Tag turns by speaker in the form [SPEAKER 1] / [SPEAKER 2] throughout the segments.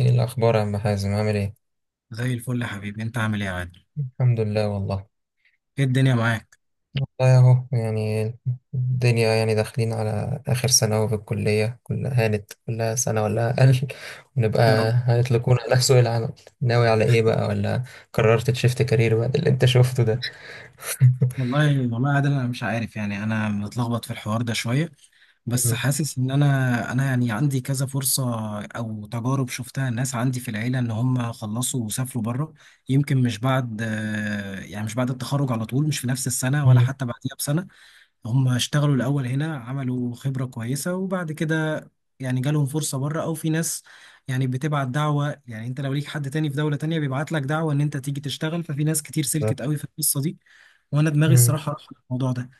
[SPEAKER 1] ايه الاخبار يا عم حازم؟ عامل ايه؟
[SPEAKER 2] زي الفل يا حبيبي، انت عامل ايه يا عادل؟
[SPEAKER 1] الحمد لله والله.
[SPEAKER 2] ايه الدنيا معاك؟
[SPEAKER 1] والله اهو يعني الدنيا يعني داخلين على اخر سنه اهو، في الكليه كلها هانت، كلها سنه ولا اقل
[SPEAKER 2] يا
[SPEAKER 1] ونبقى
[SPEAKER 2] رب.
[SPEAKER 1] هيطلقونا على سوق العمل. ناوي على ايه بقى، ولا قررت تشفت كارير بعد اللي انت شفته ده؟
[SPEAKER 2] والله يا عادل، انا مش عارف. يعني انا متلخبط في الحوار ده شويه، بس
[SPEAKER 1] مم.
[SPEAKER 2] حاسس ان انا يعني عندي كذا فرصه او تجارب شفتها. الناس عندي في العيله ان هم خلصوا وسافروا بره، يمكن مش بعد يعني مش بعد التخرج على طول، مش في نفس السنه ولا
[SPEAKER 1] مم.
[SPEAKER 2] حتى بعديها بسنه. هم اشتغلوا الأول هنا، عملوا خبرة كويسة، وبعد كده يعني جالهم فرصة بره، أو في ناس يعني بتبعت دعوة. يعني أنت لو ليك حد تاني في دولة تانية بيبعت لك دعوة إن أنت تيجي تشتغل، ففي ناس كتير
[SPEAKER 1] بالظبط.
[SPEAKER 2] سلكت قوي في القصة دي. وأنا دماغي
[SPEAKER 1] مم.
[SPEAKER 2] الصراحة راح الموضوع ده.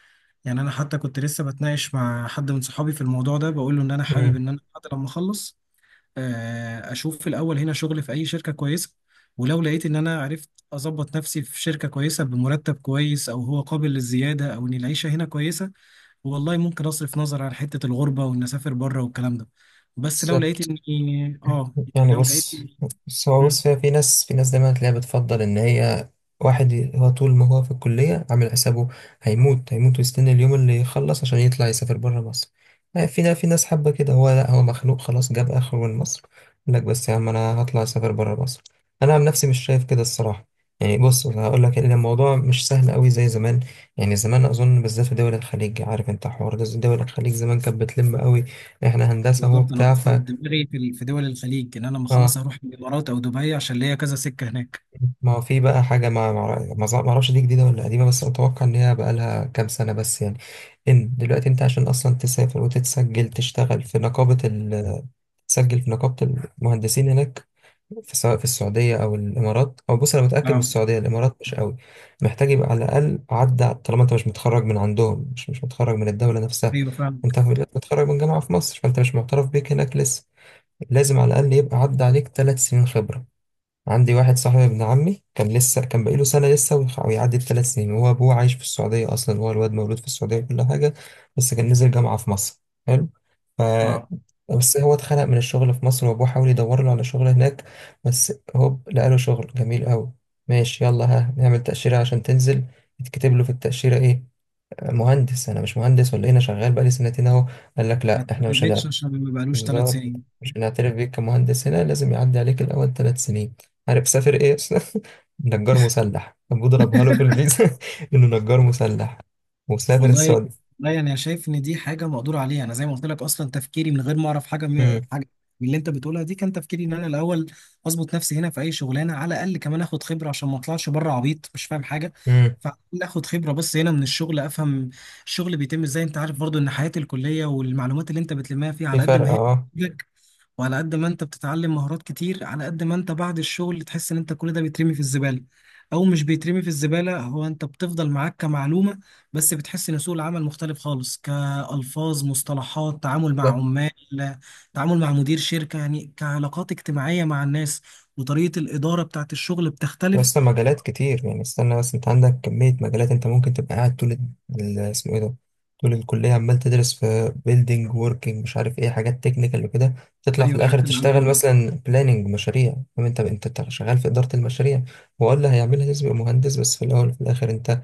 [SPEAKER 2] يعني أنا حتى كنت لسه بتناقش مع حد من صحابي في الموضوع ده، بقول له إن أنا حابب
[SPEAKER 1] مم.
[SPEAKER 2] إن أنا حتى لما أخلص أشوف في الأول هنا شغل في أي شركة كويسة. ولو لقيت ان انا عرفت اظبط نفسي في شركة كويسة بمرتب كويس، او هو قابل للزيادة، او ان العيشة هنا كويسة، والله ممكن اصرف نظر عن حته الغربه وان اسافر بره والكلام ده. بس لو لقيت
[SPEAKER 1] بالظبط.
[SPEAKER 2] اني
[SPEAKER 1] يعني
[SPEAKER 2] يعني لو لقيت
[SPEAKER 1] بص.
[SPEAKER 2] اني.
[SPEAKER 1] بص هو
[SPEAKER 2] مم.
[SPEAKER 1] فيها، في ناس، في ناس دايما تلاقيها بتفضل ان هي هو طول ما هو في الكلية عامل حسابه، هيموت هيموت ويستنى اليوم اللي يخلص عشان يطلع يسافر بره مصر. في ناس، في ناس حابة كده، هو لا، هو مخنوق خلاص، جاب اخره من مصر. يقول لك بس يا عم انا هطلع اسافر بره مصر. انا عن نفسي مش شايف كده الصراحة. يعني بص، أنا هقول لك ان الموضوع مش سهل قوي زي زمان. يعني زمان اظن بالذات في دول الخليج، عارف انت حوار ده، دول الخليج زمان كانت بتلم قوي. احنا هندسة، هو
[SPEAKER 2] بالظبط، انا
[SPEAKER 1] بتاع
[SPEAKER 2] اصلا دماغي في في دول الخليج، ان انا لما خلاص
[SPEAKER 1] اه.
[SPEAKER 2] اروح الامارات او دبي عشان ليا كذا سكه هناك.
[SPEAKER 1] ما هو في بقى حاجة، ما أعرفش دي جديدة ولا قديمة، بس أتوقع إن هي بقى لها كام سنة بس يعني. إن دلوقتي أنت عشان أصلا تسافر وتتسجل تشتغل في نقابة ال تسجل في نقابة المهندسين هناك، في، سواء في السعودية أو الإمارات، أو بص أنا متأكد من
[SPEAKER 2] اه.
[SPEAKER 1] السعودية، الإمارات مش قوي. محتاج يبقى على الأقل عدى، طالما أنت مش متخرج من عندهم، مش متخرج من الدولة نفسها.
[SPEAKER 2] ايوه فعلا.
[SPEAKER 1] أنت متخرج من جامعة في مصر، فأنت مش معترف بيك هناك لسه. لازم على الأقل يبقى عدى عليك ثلاث سنين خبرة. عندي واحد صاحبي ابن عمي كان لسه، كان بقاله سنة لسه ويعدي الثلاث سنين. هو أبوه عايش في السعودية أصلا، هو الواد مولود في السعودية وكل حاجة، بس كان نزل جامعة في مصر. حلو. ف
[SPEAKER 2] اه.
[SPEAKER 1] بس هو اتخنق من الشغل في مصر، وأبوه حاول يدور له على شغل هناك. بس هوب لقى له شغل جميل أوي. ماشي يلا ها نعمل تأشيرة عشان تنزل. يتكتب له في التأشيرة إيه؟ مهندس؟ أنا مش مهندس ولا إيه؟ أنا شغال بقالي سنتين أهو. قال لك
[SPEAKER 2] ما
[SPEAKER 1] لأ إحنا مش هنعمل.
[SPEAKER 2] اتكتبتش عشان ما بقالوش ثلاث
[SPEAKER 1] بالظبط،
[SPEAKER 2] سنين
[SPEAKER 1] عشان اعترف بيك كمهندس هنا لازم يعدي عليك الاول ثلاث سنين. عارف سافر ايه؟ نجار مسلح، ابوه ضربها له في الفيزا انه نجار مسلح، وسافر
[SPEAKER 2] والله.
[SPEAKER 1] السعودية.
[SPEAKER 2] لا، يعني انا شايف ان دي حاجه مقدور عليها. انا زي ما قلت لك، اصلا تفكيري من غير ما اعرف حاجه من
[SPEAKER 1] امم
[SPEAKER 2] حاجه، من اللي انت بتقولها دي كان تفكيري ان انا الاول اظبط نفسي هنا في اي شغلانه على الاقل، كمان اخد خبره عشان ما اطلعش بره عبيط مش فاهم حاجه.
[SPEAKER 1] امم
[SPEAKER 2] فاخد خبره بس هنا من الشغل، افهم الشغل بيتم ازاي. انت عارف برضو ان حياه الكليه والمعلومات اللي انت بتلمها فيها،
[SPEAKER 1] في
[SPEAKER 2] على قد
[SPEAKER 1] فرق
[SPEAKER 2] ما هي
[SPEAKER 1] اه.
[SPEAKER 2] بتفيدك وعلى قد ما انت بتتعلم مهارات كتير، على قد ما انت بعد الشغل تحس ان انت كل ده بيترمي في الزباله. او مش بيترمي في الزباله، هو انت بتفضل معاك كمعلومه، بس بتحس ان سوق العمل مختلف خالص، كألفاظ، مصطلحات، تعامل مع عمال، تعامل مع مدير شركة، يعني كعلاقات اجتماعية مع الناس، وطريقة الإدارة بتاعت الشغل بتختلف.
[SPEAKER 1] اصلا مجالات كتير يعني، استنى بس، انت عندك كمية مجالات، انت ممكن تبقى قاعد طول اسمه ايه ده، طول الكلية عمال تدرس في بيلدينج، وركينج، مش عارف ايه، حاجات تكنيكال وكده، تطلع في
[SPEAKER 2] ايوه،
[SPEAKER 1] الاخر
[SPEAKER 2] الحاجات اللي عندنا
[SPEAKER 1] تشتغل
[SPEAKER 2] دي.
[SPEAKER 1] مثلا بلاننج مشاريع، فاهم انت؟ انت شغال في إدارة المشاريع. هو اللي هيعملها لازم يبقى مهندس، بس في الاول وفي الاخر انت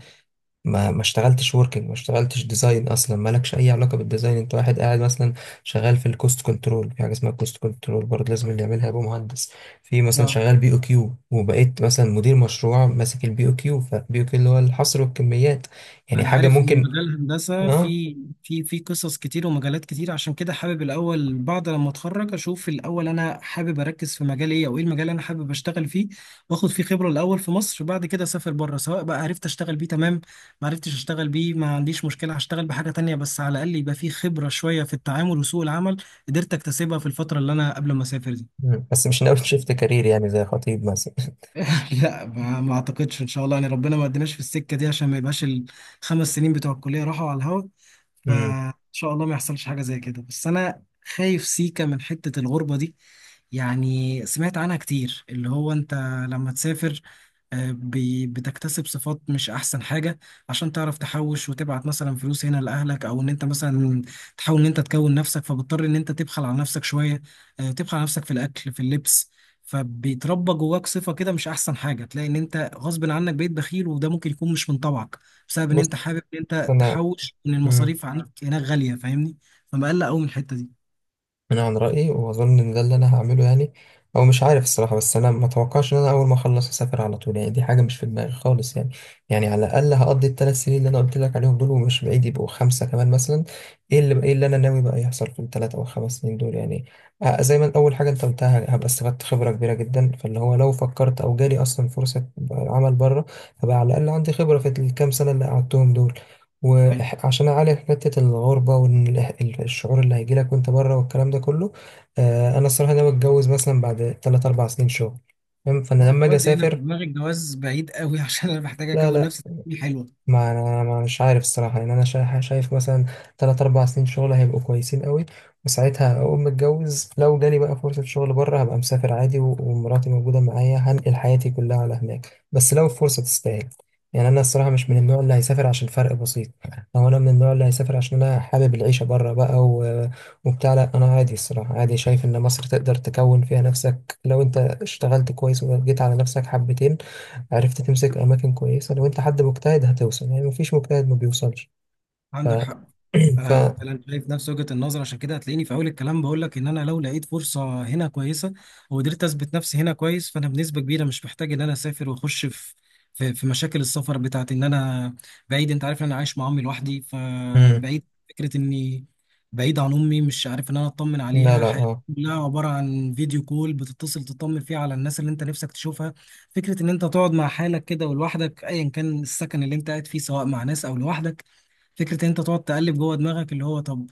[SPEAKER 1] ما اشتغلتش وركينج، ما اشتغلتش ديزاين، اصلا مالكش اي علاقه بالديزاين، انت واحد قاعد مثلا شغال في الكوست كنترول، في حاجه اسمها الكوست كنترول برضه لازم اللي يعملها يبقى مهندس. في مثلا
[SPEAKER 2] اه.
[SPEAKER 1] شغال بي او كيو، وبقيت مثلا مدير مشروع ماسك البي او كيو، فبي او كيو اللي هو الحصر والكميات، يعني
[SPEAKER 2] انا
[SPEAKER 1] حاجه
[SPEAKER 2] عارف ان
[SPEAKER 1] ممكن.
[SPEAKER 2] مجال الهندسه
[SPEAKER 1] اه.
[SPEAKER 2] في في قصص كتير ومجالات كتير، عشان كده حابب الاول بعد لما اتخرج اشوف الاول انا حابب اركز في مجال ايه، او ايه المجال اللي انا حابب اشتغل فيه واخد فيه خبره الاول في مصر. بعد كده اسافر بره، سواء بقى عرفت اشتغل بيه تمام، ما عرفتش اشتغل بيه ما عنديش مشكله، هشتغل بحاجه تانية. بس على الاقل يبقى فيه خبره شويه في التعامل وسوق العمل قدرت اكتسبها في الفتره اللي انا قبل ما اسافر دي.
[SPEAKER 1] مم. بس مش ناوي شيفت كارير يعني زي خطيب مثلا؟
[SPEAKER 2] لا ما اعتقدش ان شاء الله. يعني ربنا ما ادناش في السكه دي عشان ما يبقاش ال5 سنين بتوع الكليه راحوا على الهوا.
[SPEAKER 1] مم.
[SPEAKER 2] فان شاء الله ما يحصلش حاجه زي كده. بس انا خايف سيكا من حته الغربه دي. يعني سمعت عنها كتير، اللي هو انت لما تسافر بتكتسب صفات مش احسن حاجة، عشان تعرف تحوش وتبعت مثلا فلوس هنا لاهلك، او ان انت مثلا تحاول ان انت تكون نفسك، فبضطر ان انت تبخل على نفسك شوية. تبخل على نفسك في الاكل في اللبس، فبيتربى جواك صفة كده مش أحسن حاجة. تلاقي إن أنت غصب عنك بقيت بخيل، وده ممكن يكون مش من طبعك، بسبب إن
[SPEAKER 1] بص
[SPEAKER 2] أنت حابب إن أنت
[SPEAKER 1] انا.
[SPEAKER 2] تحوش، إن
[SPEAKER 1] مم.
[SPEAKER 2] المصاريف عنك هناك غالية. فاهمني؟ فمقلق أوي من الحتة دي.
[SPEAKER 1] انا عن رايي، واظن ان ده اللي انا هعمله يعني، او مش عارف الصراحه، بس انا ما اتوقعش ان انا اول ما اخلص اسافر على طول، يعني دي حاجه مش في دماغي خالص. يعني يعني على الاقل هقضي الثلاث سنين اللي انا قلت لك عليهم دول، ومش بعيد يبقوا خمسه كمان مثلا. ايه اللي انا ناوي بقى يحصل في الثلاث او خمس سنين دول يعني؟ زي ما اول حاجه انت قلتها، هبقى استفدت خبره كبيره جدا، فاللي هو لو فكرت او جالي اصلا فرصه عمل بره هبقى على الاقل عندي خبره في الكام سنه اللي قعدتهم دول.
[SPEAKER 2] ايوه.
[SPEAKER 1] وعشان اعالج حته الغربه والشعور اللي هيجيلك وانت بره والكلام ده كله، انا الصراحه ناوي اتجوز مثلا بعد 3 4 سنين شغل، فاهم؟ فانا
[SPEAKER 2] لا،
[SPEAKER 1] لما اجي
[SPEAKER 2] الجواز هنا في
[SPEAKER 1] اسافر.
[SPEAKER 2] دماغي، الجواز بعيد قوي، عشان انا محتاج
[SPEAKER 1] لا
[SPEAKER 2] اكون
[SPEAKER 1] لا.
[SPEAKER 2] نفسي تكوين حلوه.
[SPEAKER 1] ما انا ما مش عارف الصراحه يعني، انا شايف مثلا تلات اربع سنين شغل هيبقوا كويسين قوي، وساعتها اقوم متجوز. لو جالي بقى فرصه شغل بره هبقى مسافر عادي، ومراتي موجوده معايا، هنقل حياتي كلها على هناك، بس لو الفرصه تستاهل. يعني انا الصراحه مش من النوع اللي هيسافر عشان فرق بسيط، او انا من النوع اللي هيسافر عشان انا حابب العيشه بره بقى و... وبتاع. لا، انا عادي الصراحه، عادي. شايف ان مصر تقدر تكون فيها نفسك لو انت اشتغلت كويس، وجيت على نفسك حبتين، عرفت تمسك أماكن كويسة. لو أنت حد مجتهد هتوصل يعني، مفيش مجتهد ما بيوصلش. ف
[SPEAKER 2] عندك حق.
[SPEAKER 1] ف
[SPEAKER 2] انا شايف نفس وجهة النظر، عشان كده هتلاقيني في اول الكلام بقول لك ان انا لو لقيت فرصة هنا كويسة وقدرت اثبت نفسي هنا كويس، فانا بنسبة كبيرة مش محتاج ان انا اسافر واخش في مشاكل السفر بتاعت ان انا بعيد. انت عارف ان انا عايش مع امي لوحدي،
[SPEAKER 1] مم.
[SPEAKER 2] فبعيد فكرة اني بعيد عن امي، مش عارف ان انا اطمن
[SPEAKER 1] لا
[SPEAKER 2] عليها.
[SPEAKER 1] لا
[SPEAKER 2] حياتي
[SPEAKER 1] اه.
[SPEAKER 2] كلها عبارة عن فيديو كول، بتتصل تطمن فيه على الناس اللي انت نفسك تشوفها. فكرة ان انت تقعد مع حالك كده ولوحدك، ايا كان السكن اللي انت قاعد فيه سواء مع ناس او لوحدك، فكرة إن أنت تقعد تقلب جوه دماغك اللي هو طب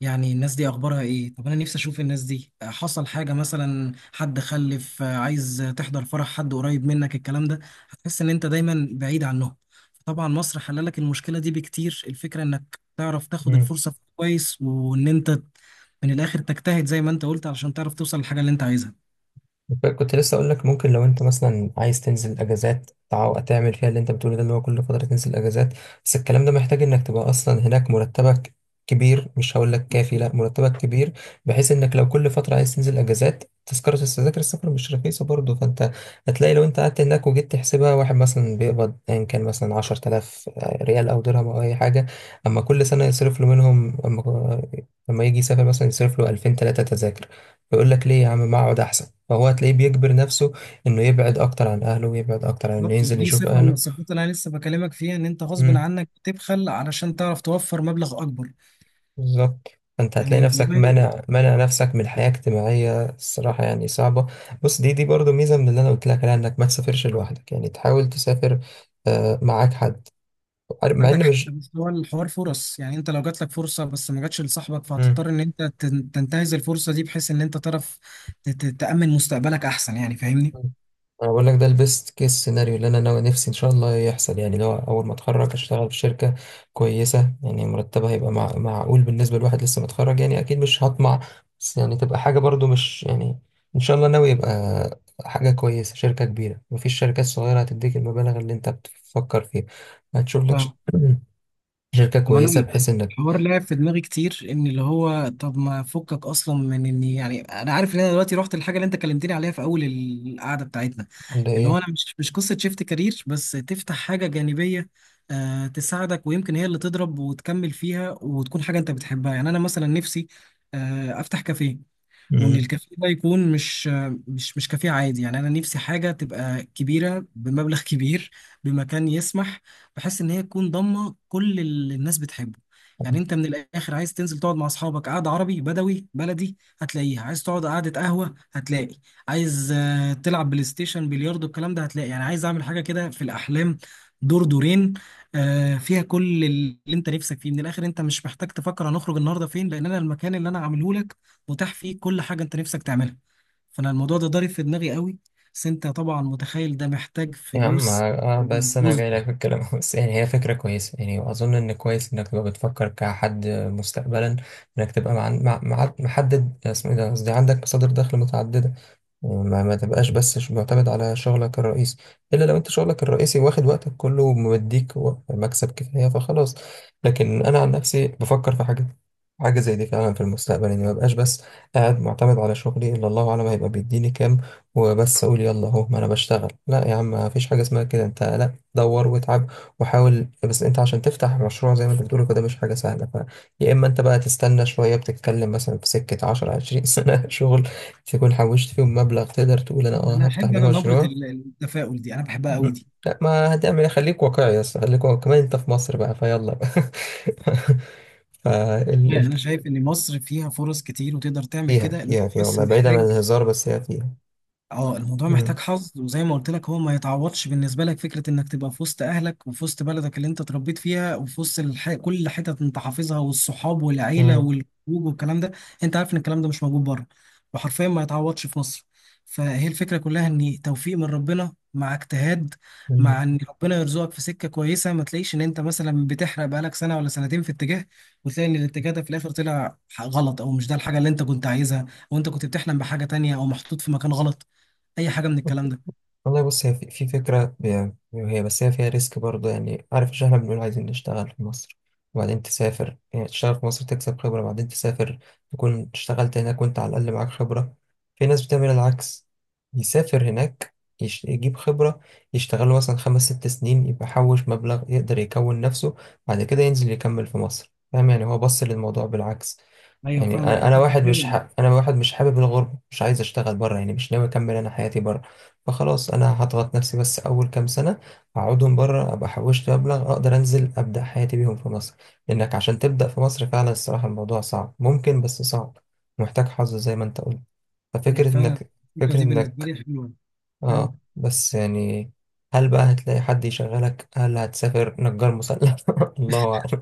[SPEAKER 2] يعني الناس دي أخبارها إيه؟ طب أنا نفسي أشوف الناس دي، حصل حاجة مثلا، حد خلف، عايز تحضر فرح حد قريب منك، الكلام ده، هتحس إن أنت دايما بعيد عنهم. طبعا مصر حللك المشكلة دي بكتير. الفكرة إنك تعرف تاخد الفرصة كويس وإن أنت من الآخر تجتهد زي ما أنت قلت، علشان تعرف توصل للحاجة اللي أنت عايزها.
[SPEAKER 1] كنت لسه اقول لك، ممكن لو انت مثلا عايز تنزل اجازات تعمل فيها اللي انت بتقوله ده، اللي هو كل فتره تنزل اجازات. بس الكلام ده محتاج انك تبقى اصلا هناك مرتبك كبير، مش هقول لك كافي، لا مرتبك كبير، بحيث انك لو كل فتره عايز تنزل اجازات، تذكره، التذاكر السفر مش رخيصه برضه. فانت هتلاقي لو انت قعدت هناك وجيت تحسبها، واحد مثلا بيقبض ان كان مثلا 10000 ريال او درهم او اي حاجه، اما كل سنه يصرف له منهم، اما اما يجي يسافر مثلا يصرف له 2000 3 تذاكر، يقول لك ليه يا عم ما اقعد احسن. فهو هتلاقيه بيجبر نفسه انه يبعد اكتر عن اهله، ويبعد اكتر عن انه
[SPEAKER 2] بالظبط.
[SPEAKER 1] ينزل
[SPEAKER 2] ودي
[SPEAKER 1] يشوف
[SPEAKER 2] صفة من
[SPEAKER 1] اهله.
[SPEAKER 2] الصفات اللي أنا لسه بكلمك فيها، إن أنت غصب
[SPEAKER 1] امم.
[SPEAKER 2] عنك تبخل علشان تعرف توفر مبلغ أكبر.
[SPEAKER 1] بالظبط. فانت هتلاقي
[SPEAKER 2] يعني
[SPEAKER 1] نفسك
[SPEAKER 2] والله.
[SPEAKER 1] منع نفسك من حياة اجتماعية، الصراحة يعني صعبة. بص دي، دي برضو ميزة من اللي انا قلت لك عليها، انك ما تسافرش لوحدك يعني، تحاول تسافر معاك حد، مع
[SPEAKER 2] عندك
[SPEAKER 1] ان
[SPEAKER 2] حق.
[SPEAKER 1] مش.
[SPEAKER 2] بس هو الحوار فرص. يعني انت لو جات لك فرصه بس ما جاتش لصاحبك،
[SPEAKER 1] مم.
[SPEAKER 2] فهتضطر ان انت تنتهز الفرصه دي، بحيث ان انت تعرف تأمن مستقبلك احسن. يعني فاهمني؟
[SPEAKER 1] انا بقول لك ده البيست كيس سيناريو اللي انا ناوي نفسي ان شاء الله يحصل، يعني لو اول ما اتخرج اشتغل في شركه كويسه، يعني مرتبها هيبقى مع... معقول بالنسبه لواحد لسه متخرج، يعني اكيد مش هطمع، بس يعني تبقى حاجه برضو مش يعني. ان شاء الله ناوي يبقى حاجه كويسه، شركه كبيره، مفيش شركات صغيره هتديك المبالغ اللي انت بتفكر فيها. هتشوف لك ش
[SPEAKER 2] فاهم.
[SPEAKER 1] شركه
[SPEAKER 2] طب انا،
[SPEAKER 1] كويسه بحيث انك
[SPEAKER 2] الحوار لعب في دماغي كتير، ان اللي هو طب ما فكك اصلا من اني، يعني انا عارف ان انا دلوقتي رحت الحاجه اللي انت كلمتني عليها في اول القعده بتاعتنا، اللي
[SPEAKER 1] اللي
[SPEAKER 2] هو انا مش قصه شيفت كارير، بس تفتح حاجه جانبيه تساعدك، ويمكن هي اللي تضرب وتكمل فيها وتكون حاجه انت بتحبها. يعني انا مثلا نفسي افتح كافيه، وان
[SPEAKER 1] هي.
[SPEAKER 2] الكافيه ده يكون مش كافيه عادي. يعني انا نفسي حاجه تبقى كبيره بمبلغ كبير، بمكان يسمح، بحيث ان هي تكون ضامه كل اللي الناس بتحبه. يعني انت من الاخر عايز تنزل تقعد مع اصحابك قعده عربي بدوي بلدي هتلاقيها، عايز تقعد قعده قهوه هتلاقي، عايز تلعب بلاي ستيشن، بلياردو، الكلام ده هتلاقي. يعني عايز اعمل حاجه كده في الاحلام، دور دورين فيها كل اللي انت نفسك فيه. من الاخر انت مش محتاج تفكر هنخرج النهارده فين، لان انا المكان اللي انا عامله لك متاح فيه كل حاجة انت نفسك تعملها. فانا الموضوع ده ضارب في دماغي قوي. بس انت طبعا متخيل ده محتاج
[SPEAKER 1] يا عم
[SPEAKER 2] فلوس.
[SPEAKER 1] اه. بس انا
[SPEAKER 2] فلوس.
[SPEAKER 1] جاي لك في الكلام بس يعني هي فكره كويسه، يعني واظن ان كويس انك تبقى بتفكر كحد مستقبلا، انك تبقى مع، مع، محدد، اسمه ايه ده، قصدي عندك مصادر دخل متعدده. ما تبقاش بس معتمد على شغلك الرئيسي، الا لو انت شغلك الرئيسي واخد وقتك كله ومديك مكسب كفايه فخلاص. لكن انا عن نفسي بفكر في حاجه، حاجه زي دي فعلا في المستقبل، اني ما بقاش بس قاعد معتمد على شغلي، الا الله اعلم هيبقى بيديني كام، وبس اقول يلا اهو ما انا بشتغل. لا يا عم، ما فيش حاجه اسمها كده، انت لا دور واتعب وحاول. بس انت عشان تفتح مشروع زي ما انت بتقول كده مش حاجه سهله، ف يا اما انت بقى تستنى شويه، بتتكلم مثلا في سكه 10 20 سنه شغل تكون حوشت فيهم مبلغ تقدر تقول انا اه هفتح بيه
[SPEAKER 2] انا نبرة
[SPEAKER 1] مشروع.
[SPEAKER 2] التفاؤل دي انا بحبها قوي
[SPEAKER 1] مم.
[SPEAKER 2] دي.
[SPEAKER 1] لا، ما هتعمل إيه؟ خليك واقعي يا اسطى، خليك واقعي، كمان انت في مصر بقى، فيلا بقى فال
[SPEAKER 2] يعني
[SPEAKER 1] ال
[SPEAKER 2] انا شايف ان مصر فيها فرص كتير وتقدر تعمل
[SPEAKER 1] فيها،
[SPEAKER 2] كده، إن انت
[SPEAKER 1] فيها، فيها
[SPEAKER 2] بس
[SPEAKER 1] والله، بعيدا عن
[SPEAKER 2] محتاج.
[SPEAKER 1] الهزار بس هي فيها.
[SPEAKER 2] اه، الموضوع محتاج
[SPEAKER 1] مم.
[SPEAKER 2] حظ. وزي ما قلت لك، هو ما يتعوضش بالنسبه لك فكره انك تبقى في وسط اهلك وفي وسط بلدك اللي انت اتربيت فيها وفي وسط كل حتت انت حافظها، والصحاب والعيله
[SPEAKER 1] مم.
[SPEAKER 2] والخروج والكلام ده. انت عارف ان الكلام ده مش موجود بره، وحرفيا ما يتعوضش في مصر. فهي الفكره كلها ان توفيق من ربنا مع اجتهاد،
[SPEAKER 1] مم.
[SPEAKER 2] مع ان ربنا يرزقك في سكه كويسه. ما تلاقيش ان انت مثلا بتحرق بقالك سنه ولا سنتين في اتجاه، وتلاقي ان الاتجاه ده في الاخر طلع غلط، او مش ده الحاجه اللي انت كنت عايزها وانت كنت بتحلم بحاجه تانية، او محطوط في مكان غلط، اي حاجه من الكلام ده.
[SPEAKER 1] والله بص، هي في، في فكرة، هي بس هي فيها ريسك برضه، يعني عارف، مش احنا بنقول عايزين نشتغل في مصر وبعدين تسافر؟ يعني تشتغل في مصر تكسب خبرة وبعدين تسافر، تكون اشتغلت هناك وانت على الأقل معاك خبرة. في ناس بتعمل العكس، يسافر هناك، يجيب خبرة، يشتغل مثلا خمس ست سنين، يبقى حوش مبلغ يقدر يكون نفسه، بعد كده ينزل يكمل في مصر، فاهم يعني؟ هو بص للموضوع بالعكس.
[SPEAKER 2] ايوه،
[SPEAKER 1] يعني
[SPEAKER 2] فاهمك. دي
[SPEAKER 1] انا
[SPEAKER 2] فكره
[SPEAKER 1] واحد مش
[SPEAKER 2] حلوه.
[SPEAKER 1] انا واحد مش حابب الغربه، مش عايز اشتغل بره يعني، مش ناوي اكمل انا حياتي بره، فخلاص انا هضغط نفسي بس اول كام سنه اقعدهم بره، ابقى حوشت مبلغ اقدر انزل ابدا حياتي بيهم في مصر. لانك عشان تبدا في مصر فعلا الصراحه، الموضوع صعب، ممكن بس صعب، محتاج حظ زي ما انت قلت.
[SPEAKER 2] هي
[SPEAKER 1] ففكره
[SPEAKER 2] فعلا
[SPEAKER 1] انك،
[SPEAKER 2] الفكره
[SPEAKER 1] فكره
[SPEAKER 2] دي بالنسبه
[SPEAKER 1] انك،
[SPEAKER 2] لي حلوه. اه
[SPEAKER 1] اه بس يعني هل بقى هتلاقي حد يشغلك؟ هل هتسافر نجار مسلح الله اعلم.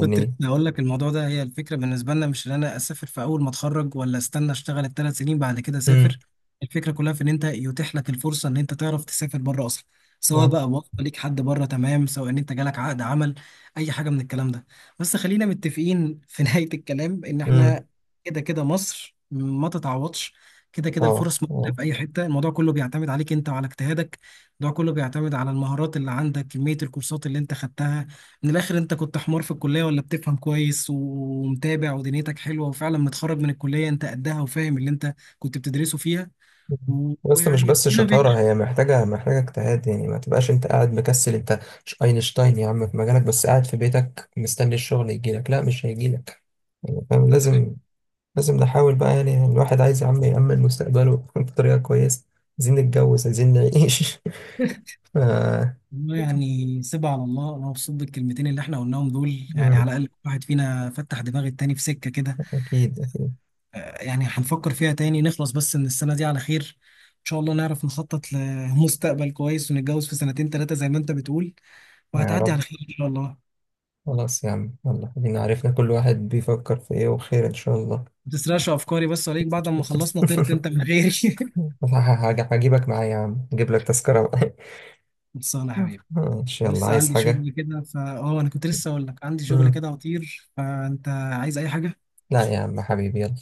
[SPEAKER 2] كنت لسه هقول لك الموضوع ده، هي الفكره بالنسبه لنا مش ان انا اسافر في اول ما اتخرج، ولا استنى اشتغل ال3 سنين بعد كده
[SPEAKER 1] امم
[SPEAKER 2] اسافر. الفكره كلها في ان انت يتيح لك الفرصه ان انت تعرف تسافر بره اصلا، سواء
[SPEAKER 1] اه.
[SPEAKER 2] بقى وقت ليك حد بره تمام، سواء ان انت جالك عقد عمل، اي حاجه من الكلام ده. بس خلينا متفقين في نهايه الكلام ان
[SPEAKER 1] امم
[SPEAKER 2] احنا كده كده مصر ما تتعوضش، كده كده
[SPEAKER 1] اه
[SPEAKER 2] الفرص موجوده
[SPEAKER 1] آه.
[SPEAKER 2] في اي حته. الموضوع كله بيعتمد عليك انت وعلى اجتهادك. الموضوع كله بيعتمد على المهارات اللي عندك، كميه الكورسات اللي انت خدتها. من الاخر انت كنت حمار في الكليه، ولا بتفهم كويس ومتابع ودنيتك حلوه وفعلا متخرج من الكليه انت قدها وفاهم اللي انت كنت بتدرسه فيها،
[SPEAKER 1] بس مش
[SPEAKER 2] ويعني
[SPEAKER 1] بس
[SPEAKER 2] ربنا
[SPEAKER 1] شطارة،
[SPEAKER 2] بيكرم.
[SPEAKER 1] هي محتاجة، محتاجة اجتهاد يعني، ما تبقاش انت قاعد مكسل. انت مش اينشتاين يا عم في مجالك، بس قاعد في بيتك مستني الشغل يجيلك. لا، مش هيجيلك يعني فاهم.
[SPEAKER 2] عندك حق.
[SPEAKER 1] لازم، لازم نحاول بقى يعني. يعني الواحد عايز يا عم يأمن مستقبله بطريقة كويسة، عايزين نتجوز، عايزين نعيش ف.
[SPEAKER 2] والله يعني سيبها على الله. انا مبسوط بالكلمتين اللي احنا قلناهم دول، يعني على
[SPEAKER 1] مم.
[SPEAKER 2] الاقل كل واحد فينا فتح دماغ التاني في سكه كده
[SPEAKER 1] أكيد أكيد.
[SPEAKER 2] يعني هنفكر فيها تاني، نخلص بس من السنه دي على خير ان شاء الله، نعرف نخطط لمستقبل كويس ونتجوز في 2 3 زي ما انت بتقول،
[SPEAKER 1] يا
[SPEAKER 2] وهتعدي
[SPEAKER 1] رب.
[SPEAKER 2] على خير ان شاء الله.
[SPEAKER 1] خلاص يا عم، يلا خلينا، عرفنا كل واحد بيفكر في ايه، وخير إن شاء الله.
[SPEAKER 2] ما تسرقش افكاري بس عليك، بعد ما خلصنا طرت انت من غيري.
[SPEAKER 1] هجيبك معايا يا عم، اجيب لك تذكرة بقى.
[SPEAKER 2] خلصانه يا حبيبي.
[SPEAKER 1] ماشي يلا،
[SPEAKER 2] لسه
[SPEAKER 1] عايز
[SPEAKER 2] عندي
[SPEAKER 1] حاجة؟
[SPEAKER 2] شغل كده فا اه، انا كنت لسه اقول لك عندي شغل
[SPEAKER 1] مم.
[SPEAKER 2] كده وطير، فانت عايز اي حاجه؟
[SPEAKER 1] لا يا عم حبيبي، يلا.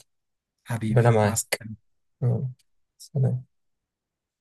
[SPEAKER 2] حبيبي،
[SPEAKER 1] ربنا
[SPEAKER 2] مع
[SPEAKER 1] معاك.
[SPEAKER 2] السلامه.
[SPEAKER 1] يلا، سلام.